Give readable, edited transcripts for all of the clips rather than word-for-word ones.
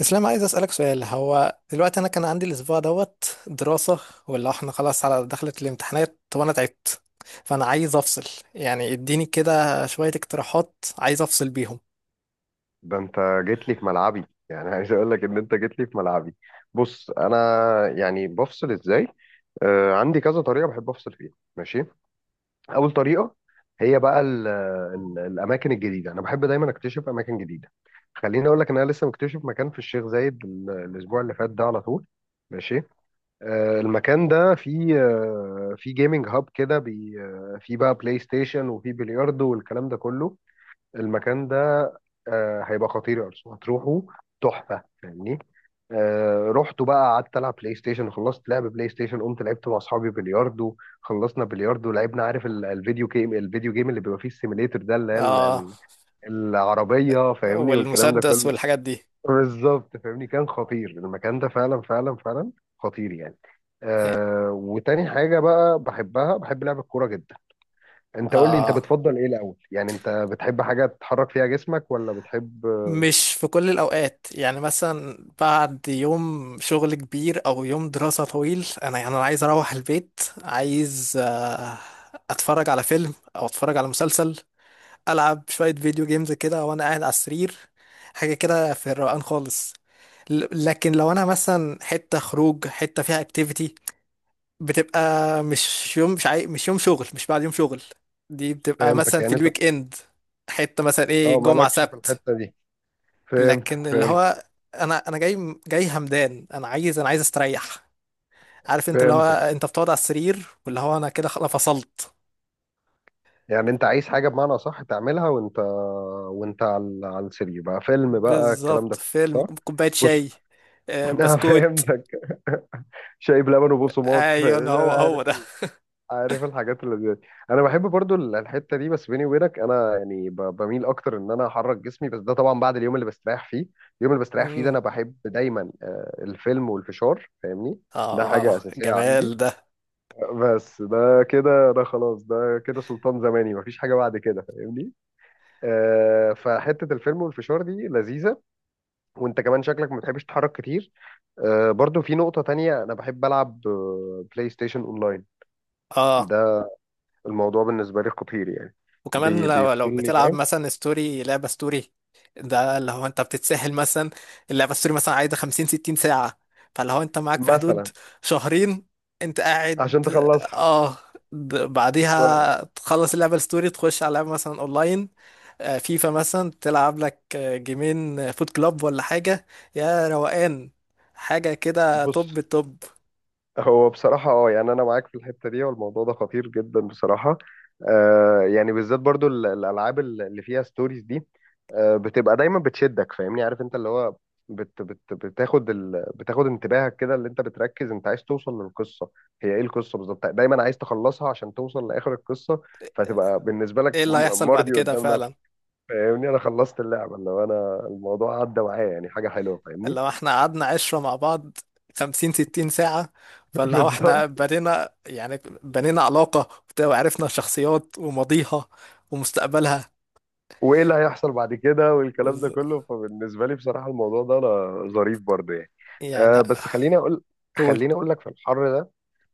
اسلام، عايز اسالك سؤال. هو دلوقتي انا كان عندي الاسبوع دوت دراسه ولا احنا خلاص على دخلت الامتحانات وانا تعبت؟ فانا عايز افصل. يعني اديني كده شويه اقتراحات عايز افصل بيهم. ده انت جيت لي في ملعبي، يعني عايز اقول لك ان انت جيت لي في ملعبي. بص انا يعني بفصل ازاي؟ آه، عندي كذا طريقه بحب افصل فيها. ماشي. اول طريقه هي بقى ال ال الاماكن الجديده. انا بحب دايما اكتشف اماكن جديده. خليني اقول لك ان انا لسه مكتشف مكان في الشيخ زايد الاسبوع اللي فات ده على طول. ماشي. آه المكان ده فيه فيه جيمنج هاب كده فيه بقى بلاي ستيشن وفيه بلياردو والكلام ده كله. المكان ده آه هيبقى خطير يا أرسنال، هتروحوا تحفة، فاهمني. آه، رحت بقى قعدت ألعب بلاي ستيشن، خلصت لعب بلاي ستيشن قمت لعبت مع أصحابي بلياردو. خلصنا بلياردو لعبنا، عارف الفيديو جيم، الفيديو جيم اللي بيبقى فيه السيميليتر ده، اللي هي اه، العربية، فاهمني، والكلام ده والمسدس كله. والحاجات دي. بالظبط فاهمني، كان خطير المكان ده فعلا فعلا فعلا. خطير يعني. يعني، آه، وتاني حاجة بقى بحبها، بحب لعب الكورة جدا. انت قول لي انت اه، بتفضل ايه الاول؟ يعني انت بتحب حاجة تحرك فيها جسمك ولا بتحب؟ مش في كل الاوقات، يعني مثلا بعد يوم شغل كبير او يوم دراسه طويل، انا يعني انا عايز اروح البيت، عايز اتفرج على فيلم او اتفرج على مسلسل. العب شويه فيديو جيمز كده وانا قاعد على السرير، حاجه كده في الروقان خالص. لكن لو انا مثلا حته خروج حته فيها اكتيفيتي بتبقى مش يوم، مش يوم شغل، مش بعد يوم شغل. دي بتبقى فهمتك، مثلا في يعني انت، الويك اند، حته مثلا ايه اه جمعه مالكش في سبت. الحتة دي. فهمتك لكن اللي فهمتك. هو، انا جاي همدان، انا عايز استريح. عارف انت اللي هو فهمتك انت بتقعد على السرير، واللي هو انا كده خلاص فصلت. يعني انت عايز حاجة بمعنى صح تعملها وانت، وانت على السرير بقى، فيلم بقى، الكلام بالظبط، ده كله. فيلم، صح؟ كوبايه شاي. بص. آه، انا بسكوت. فهمتك. شاي بلبن وبقسماط ايون، فاهمني؟ هو انا هو عارف ده. عارف الحاجات اللي زي دي. انا بحب برضو الحتة دي، بس بيني وبينك انا يعني بميل اكتر ان انا احرك جسمي، بس ده طبعا بعد اليوم اللي بستريح فيه. اليوم اللي بستريح فيه ده امم. انا بحب دايما الفيلم والفشار فاهمني. ده اه، حاجة أساسية جمال عندي. ده. بس ده كده، ده خلاص ده كده سلطان زماني، مفيش حاجة بعد كده فاهمني. آه، فحتة الفيلم والفشار دي لذيذة. وانت كمان شكلك ما بتحبش تتحرك كتير. آه، برضو في نقطة تانية، انا بحب العب بلاي ستيشن اونلاين. اه، ده الموضوع بالنسبة لي خطير يعني. وكمان لو بيفصلني بتلعب فاهم. مثلا ستوري، لعبة ستوري ده اللي هو انت بتتسهل. مثلا اللعبة ستوري مثلا عايزة 50-60 ساعة، فاللي هو انت معاك في حدود مثلا شهرين انت قاعد. عشان تخلصها. اه. بعديها تخلص اللعبة الستوري تخش على لعبة مثلا اونلاين، فيفا مثلا، تلعب لك جيمين، فوت كلاب ولا حاجة. يا روقان. حاجة كده بص، توب التوب. هو بصراحة اه يعني أنا معاك في الحتة دي، والموضوع ده خطير جدا بصراحة. آه يعني بالذات برضو الألعاب اللي فيها ستوريز دي، آه بتبقى دايما بتشدك فاهمني، عارف أنت اللي هو بت بت بتاخد بتاخد انتباهك كده، اللي أنت بتركز، أنت عايز توصل للقصة. هي إيه القصة بالظبط؟ دايما عايز تخلصها عشان توصل لآخر القصة. فتبقى بالنسبة لك ايه اللي هيحصل بعد مرضي كده قدام فعلا. نفسك. فاهمني أنا خلصت اللعبة، اللي هو أنا الموضوع عدى معايا، يعني حاجة حلوة فاهمني. لو احنا قعدنا عشرة مع بعض، 50-60 ساعة، فاللي هو احنا بالظبط. بنينا يعني، بنينا علاقة وبتاع، وعرفنا شخصيات وماضيها ومستقبلها. وايه اللي هيحصل بعد كده، والكلام ده بز- كله. فبالنسبه لي بصراحه الموضوع ده انا ظريف برضه يعني. يعني. أه بس قول. خليني اقول لك، في الحر ده،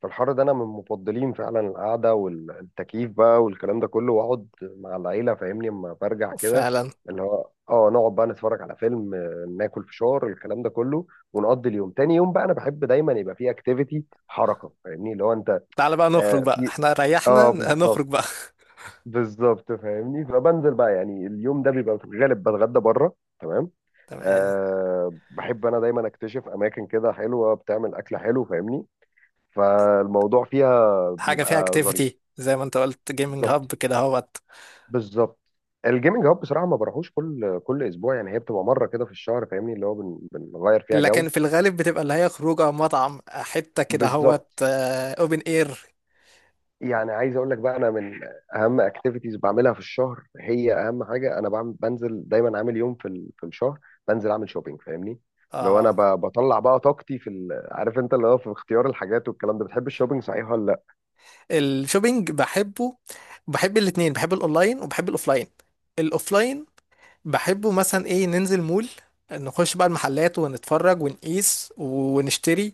في الحر ده انا من مفضلين فعلا القعده والتكييف بقى والكلام ده كله، واقعد مع العيله فاهمني اما برجع كده. فعلا، اللي هو اه نقعد بقى نتفرج على فيلم، ناكل فشار، الكلام ده كله. ونقضي اليوم. تاني يوم بقى انا بحب دايما يبقى فيه اكتيفيتي حركه، فاهمني اللي هو انت. تعالى بقى نخرج آه بقى، في. احنا ريحنا، اه بالظبط. نخرج بقى. بالظبط فاهمني، فبنزل بقى، يعني اليوم ده بيبقى في الغالب بتغدى بره. تمام. تمام. أه بحب انا دايما اكتشف اماكن كده حلوه بتعمل اكل حلو فاهمني. فالموضوع فيها حاجة فيها بيبقى ظريف. اكتيفيتي زي ما انت قلت، جيمنج بالظبط. هاب كده هوت. بالظبط. الجيمنج هاب بصراحه ما بروحوش كل اسبوع يعني، هي بتبقى مره كده في الشهر فاهمني، اللي هو بنغير فيها جو. لكن في الغالب بتبقى اللي هي خروجه مطعم، حتة كده هوت بالظبط. اوبن اير. يعني عايز اقول لك بقى، انا من اهم اكتيفيتيز بعملها في الشهر، هي اهم حاجه انا بعمل بنزل دايما عامل يوم في الشهر بنزل اعمل شوبينج فاهمني. لو انا اه. بطلع بقى طاقتي في عارف انت اللي هو في اختيار الحاجات والكلام ده، بتحب الشوبينج صحيح ولا لا؟ الشوبينج بحبه، بحب الاتنين، بحب الاونلاين وبحب الاوفلاين. الاوفلاين بحبه مثلا ايه، ننزل مول، نخش بقى المحلات ونتفرج ونقيس ونشتري.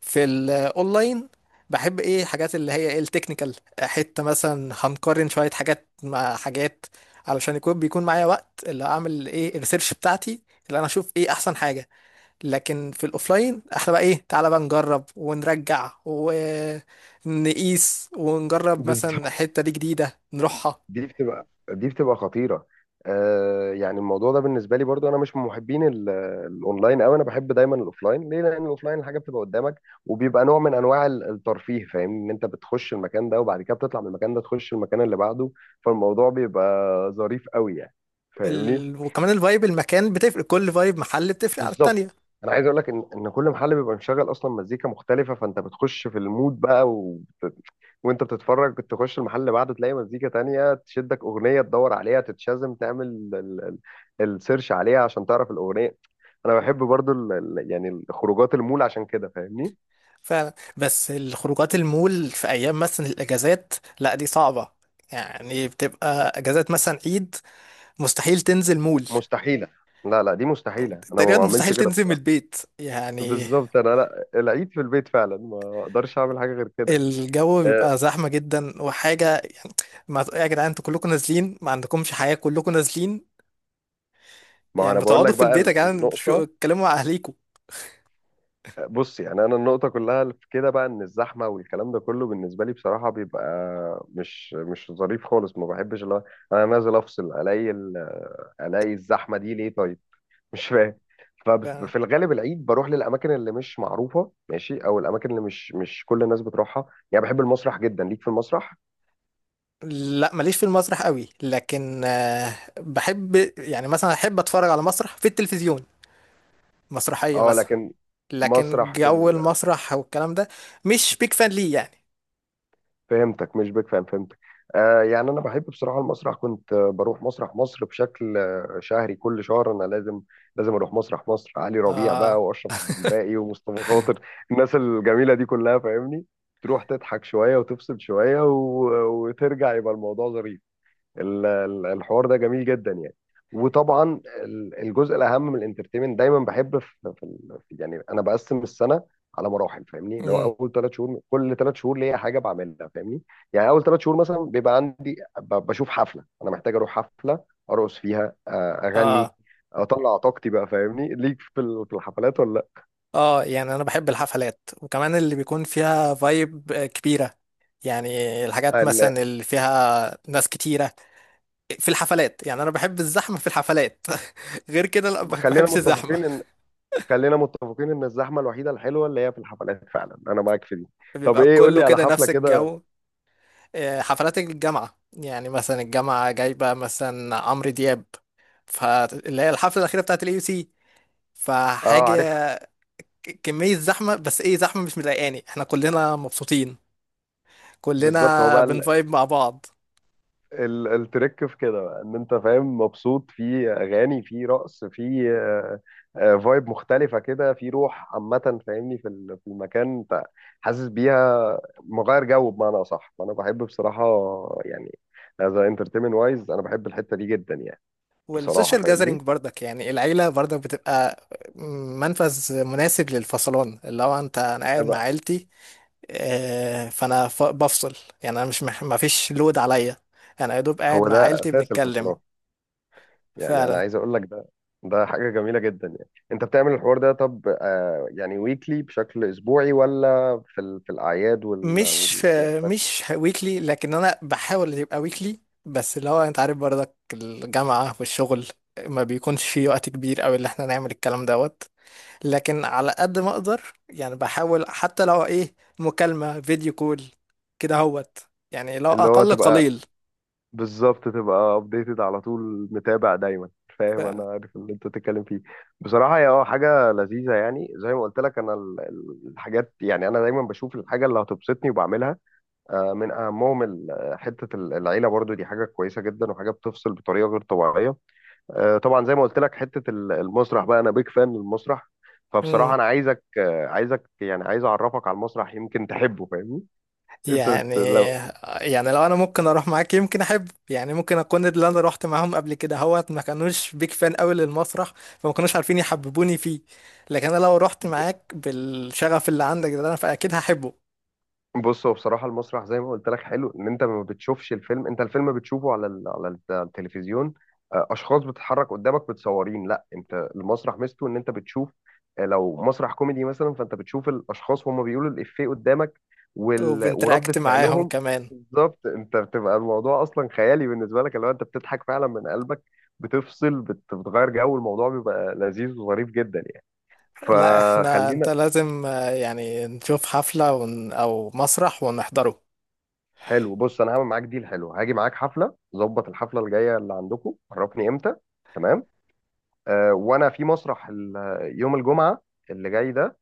في الاونلاين بحب ايه، حاجات اللي هي ايه التكنيكال، حتة مثلا هنقارن شوية حاجات مع حاجات علشان يكون بيكون معايا وقت اللي اعمل ايه الريسيرش بتاعتي، اللي انا اشوف ايه احسن حاجة. لكن في الاوفلاين احنا بقى ايه، تعالى بقى نجرب ونرجع ونقيس ونجرب، مثلا بالظبط. حتة دي جديدة نروحها. دي بتبقى خطيرة. آه يعني الموضوع ده بالنسبة لي برضو، أنا مش من محبين الأونلاين أوي، أنا بحب دايما الأوفلاين. ليه؟ لأن الأوفلاين الحاجة بتبقى قدامك، وبيبقى نوع من أنواع الترفيه فاهمني، إن أنت بتخش المكان ده وبعد كده بتطلع من المكان ده تخش المكان اللي بعده. فالموضوع بيبقى ظريف أوي يعني. فاهمني؟ وكمان الفايب المكان بتفرق، كل فايب محل بتفرق عن بالظبط. التانية. أنا عايز أقول لك إن كل محل بيبقى مشغل أصلا مزيكا مختلفة، فأنت بتخش في المود بقى، وانت بتتفرج تخش المحل اللي بعده تلاقي مزيكا تانية تشدك، اغنية تدور عليها تتشازم، تعمل السيرش عليها عشان تعرف الاغنية. انا بحب برضو ال ال يعني الخروجات المول عشان كده فاهمني. فعلا، بس الخروجات المول في ايام مثلا الاجازات، لا دي صعبة. يعني بتبقى اجازات مثلا عيد، مستحيل تنزل مول، مستحيلة. لا لا، دي مستحيلة، انا ما تقريبا بعملش مستحيل كده تنزل من بصراحة. البيت يعني. بالظبط، انا لا، العيد في البيت فعلا، ما اقدرش اعمل حاجة غير كده يعني. الجو أه، بيبقى زحمة جدا وحاجة يعني. ما يا جدعان، انتوا كلكم نازلين، ما عندكمش حياة، كلكم نازلين. ما هو يعني انا ما بقول لك تقعدوا في بقى البيت يا جدعان، شو النقطة. اتكلموا مع أهليكوا. بص يعني انا النقطه كلها في كده بقى، ان الزحمه والكلام ده كله بالنسبه لي بصراحه بيبقى مش ظريف خالص، ما بحبش اللي هو انا نازل افصل الاقي الاقي الزحمه دي ليه طيب؟ مش فاهم. ف... ففي الغالب العيد بروح للاماكن اللي مش معروفه، ماشي، او الاماكن اللي مش كل الناس بتروحها. يعني بحب المسرح جدا، ليك في المسرح؟ لا، ماليش في المسرح قوي، لكن بحب، يعني مثلا احب اتفرج على مسرح في التلفزيون، مسرحية اه مثلا، لكن. لكن مسرح في. جو المسرح والكلام ده مش بيك فان ليه يعني. فهمتك، مش بيك فاهم، فهمتك. آه، يعني انا بحب بصراحه المسرح، كنت بروح مسرح مصر بشكل شهري، كل شهر انا لازم، لازم اروح مسرح مصر، علي ربيع بقى اه. واشرف عبد الباقي ومصطفى خاطر، الناس الجميله دي كلها فاهمني. تروح تضحك شويه وتفصل شويه و... وترجع، يبقى الموضوع ظريف. الحوار ده جميل جدا يعني. وطبعا الجزء الاهم من الانترتينمنت دايما، بحب في يعني انا بقسم السنه على مراحل فاهمني، اللي هو امم. اول ثلاث شهور، كل ثلاث شهور ليا حاجه بعملها فاهمني. يعني اول ثلاث شهور مثلا بيبقى عندي بشوف حفله، انا محتاج اروح حفله، ارقص فيها، اغني، اه. اطلع طاقتي بقى فاهمني، ليك في في الحفلات ولا؟ اه، يعني انا بحب الحفلات، وكمان اللي بيكون فيها فايب كبيرة يعني، الحاجات لا مثلا اللي فيها ناس كتيرة، في الحفلات يعني انا بحب الزحمة في الحفلات. غير كده، لا، ما خلينا بحبش الزحمة. متفقين ان خلينا متفقين ان الزحمه الوحيده الحلوه اللي هي في الحفلات فعلا، انا معاك في دي. طب بيبقى ايه، قول كله لي على كده حفله نفس كده. الجو. حفلات الجامعة، يعني مثلا الجامعة جايبة مثلا عمرو دياب، فاللي هي الحفلة الأخيرة بتاعت اليو سي، اه عارفها. فحاجة، كمية زحمة، بس ايه، زحمة مش مضايقاني، احنا كلنا مبسوطين، بالظبط. هو كلنا بقى بنفايب مع بعض. التريك في كده بقى، ان انت فاهم مبسوط في اغاني، في رقص، في فايب مختلفه كده، في روح عامه فاهمني في في المكان، انت حاسس بيها مغير جو بمعنى اصح. فانا بحب بصراحه يعني، از انترتينمنت وايز، انا بحب الحته دي جدا يعني. بصراحه والسوشيال جاذرينج فاهمني. برضك، يعني العيلة برضك بتبقى منفذ مناسب للفصلان، اللي هو انت انا قاعد مع أبقى. عيلتي، فانا بفصل. يعني انا مش ما فيش لود عليا، انا يا دوب قاعد هو مع ده عيلتي اساس بنتكلم. الفصلات. يعني انا فعلا. عايز اقول لك، ده ده حاجه جميله جدا يعني. انت بتعمل الحوار ده، طب آه يعني ويكلي بشكل اسبوعي ولا في في الاعياد مش في، مش ويكلي، لكن انا بحاول يبقى ويكلي، بس اللي هو انت عارف برضك الجامعة والشغل ما بيكونش في وقت كبير قوي اللي احنا نعمل الكلام دوت. لكن على قد ما اقدر يعني بحاول حتى لو ايه مكالمة فيديو كول كده هوت، يعني لو اللي هو اقل تبقى؟ قليل. بالظبط، تبقى ابديتد على طول، متابع دايما. ف... فاهم، انا عارف اللي انت بتتكلم فيه. بصراحه هي اه حاجه لذيذه، يعني زي ما قلت لك انا الحاجات، يعني انا دايما بشوف الحاجه اللي هتبسطني وبعملها. آه، من اهمهم حته العيله برضو، دي حاجه كويسه جدا، وحاجه بتفصل بطريقه غير طبيعيه. آه، طبعا زي ما قلت لك، حته المسرح بقى، انا بيك فان للمسرح. مم. فبصراحه انا عايزك، يعني عايز اعرفك على المسرح، يمكن تحبه فاهمني. انت يعني، بت... لو يعني لو انا ممكن اروح معاك يمكن احب، يعني ممكن اكون اللي انا رحت معاهم قبل كده هوت ما كانوش بيك فان قوي للمسرح، فما كانوش عارفين يحببوني فيه. لكن انا لو رحت معاك بالشغف اللي عندك ده انا فاكيد هحبه. بص، هو بصراحة المسرح زي ما قلت لك حلو، إن أنت ما بتشوفش الفيلم. أنت الفيلم بتشوفه على على التلفزيون، أشخاص بتتحرك قدامك متصورين. لا أنت المسرح ميزته إن أنت بتشوف، لو مسرح كوميدي مثلا فأنت بتشوف الأشخاص وهم بيقولوا الإفيه قدامك وردة وبنتراكت معاهم فعلهم. كمان. بالظبط، أنت بتبقى الموضوع أصلا خيالي بالنسبة لك، اللي هو أنت بتضحك فعلا من قلبك، بتفصل بتغير جو، الموضوع بيبقى لذيذ وظريف جدا يعني. لا، احنا انت فخلينا. لازم يعني نشوف حفلة او مسرح ونحضره. حلو، بص انا هعمل معاك ديل حلو، هاجي معاك حفله، ظبط الحفله الجايه اللي عندكم عرفني امتى. تمام. آه، وانا في مسرح يوم الجمعه اللي جاي ده،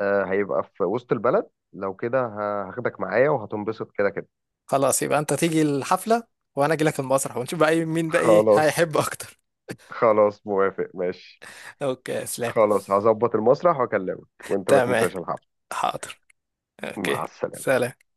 آه هيبقى في وسط البلد، لو كده هاخدك معايا وهتنبسط كده كده. خلاص، يبقى انت تيجي الحفلة وانا اجي لك المسرح، ونشوف بقى مين بقى، ايه خلاص. هيحب اكتر. خلاص موافق، ماشي. اوكي اسلام. خلاص هظبط المسرح واكلمك وانت ما تمام. تنساش الحفله. حاضر. اوكي. مع السلامه. سلام.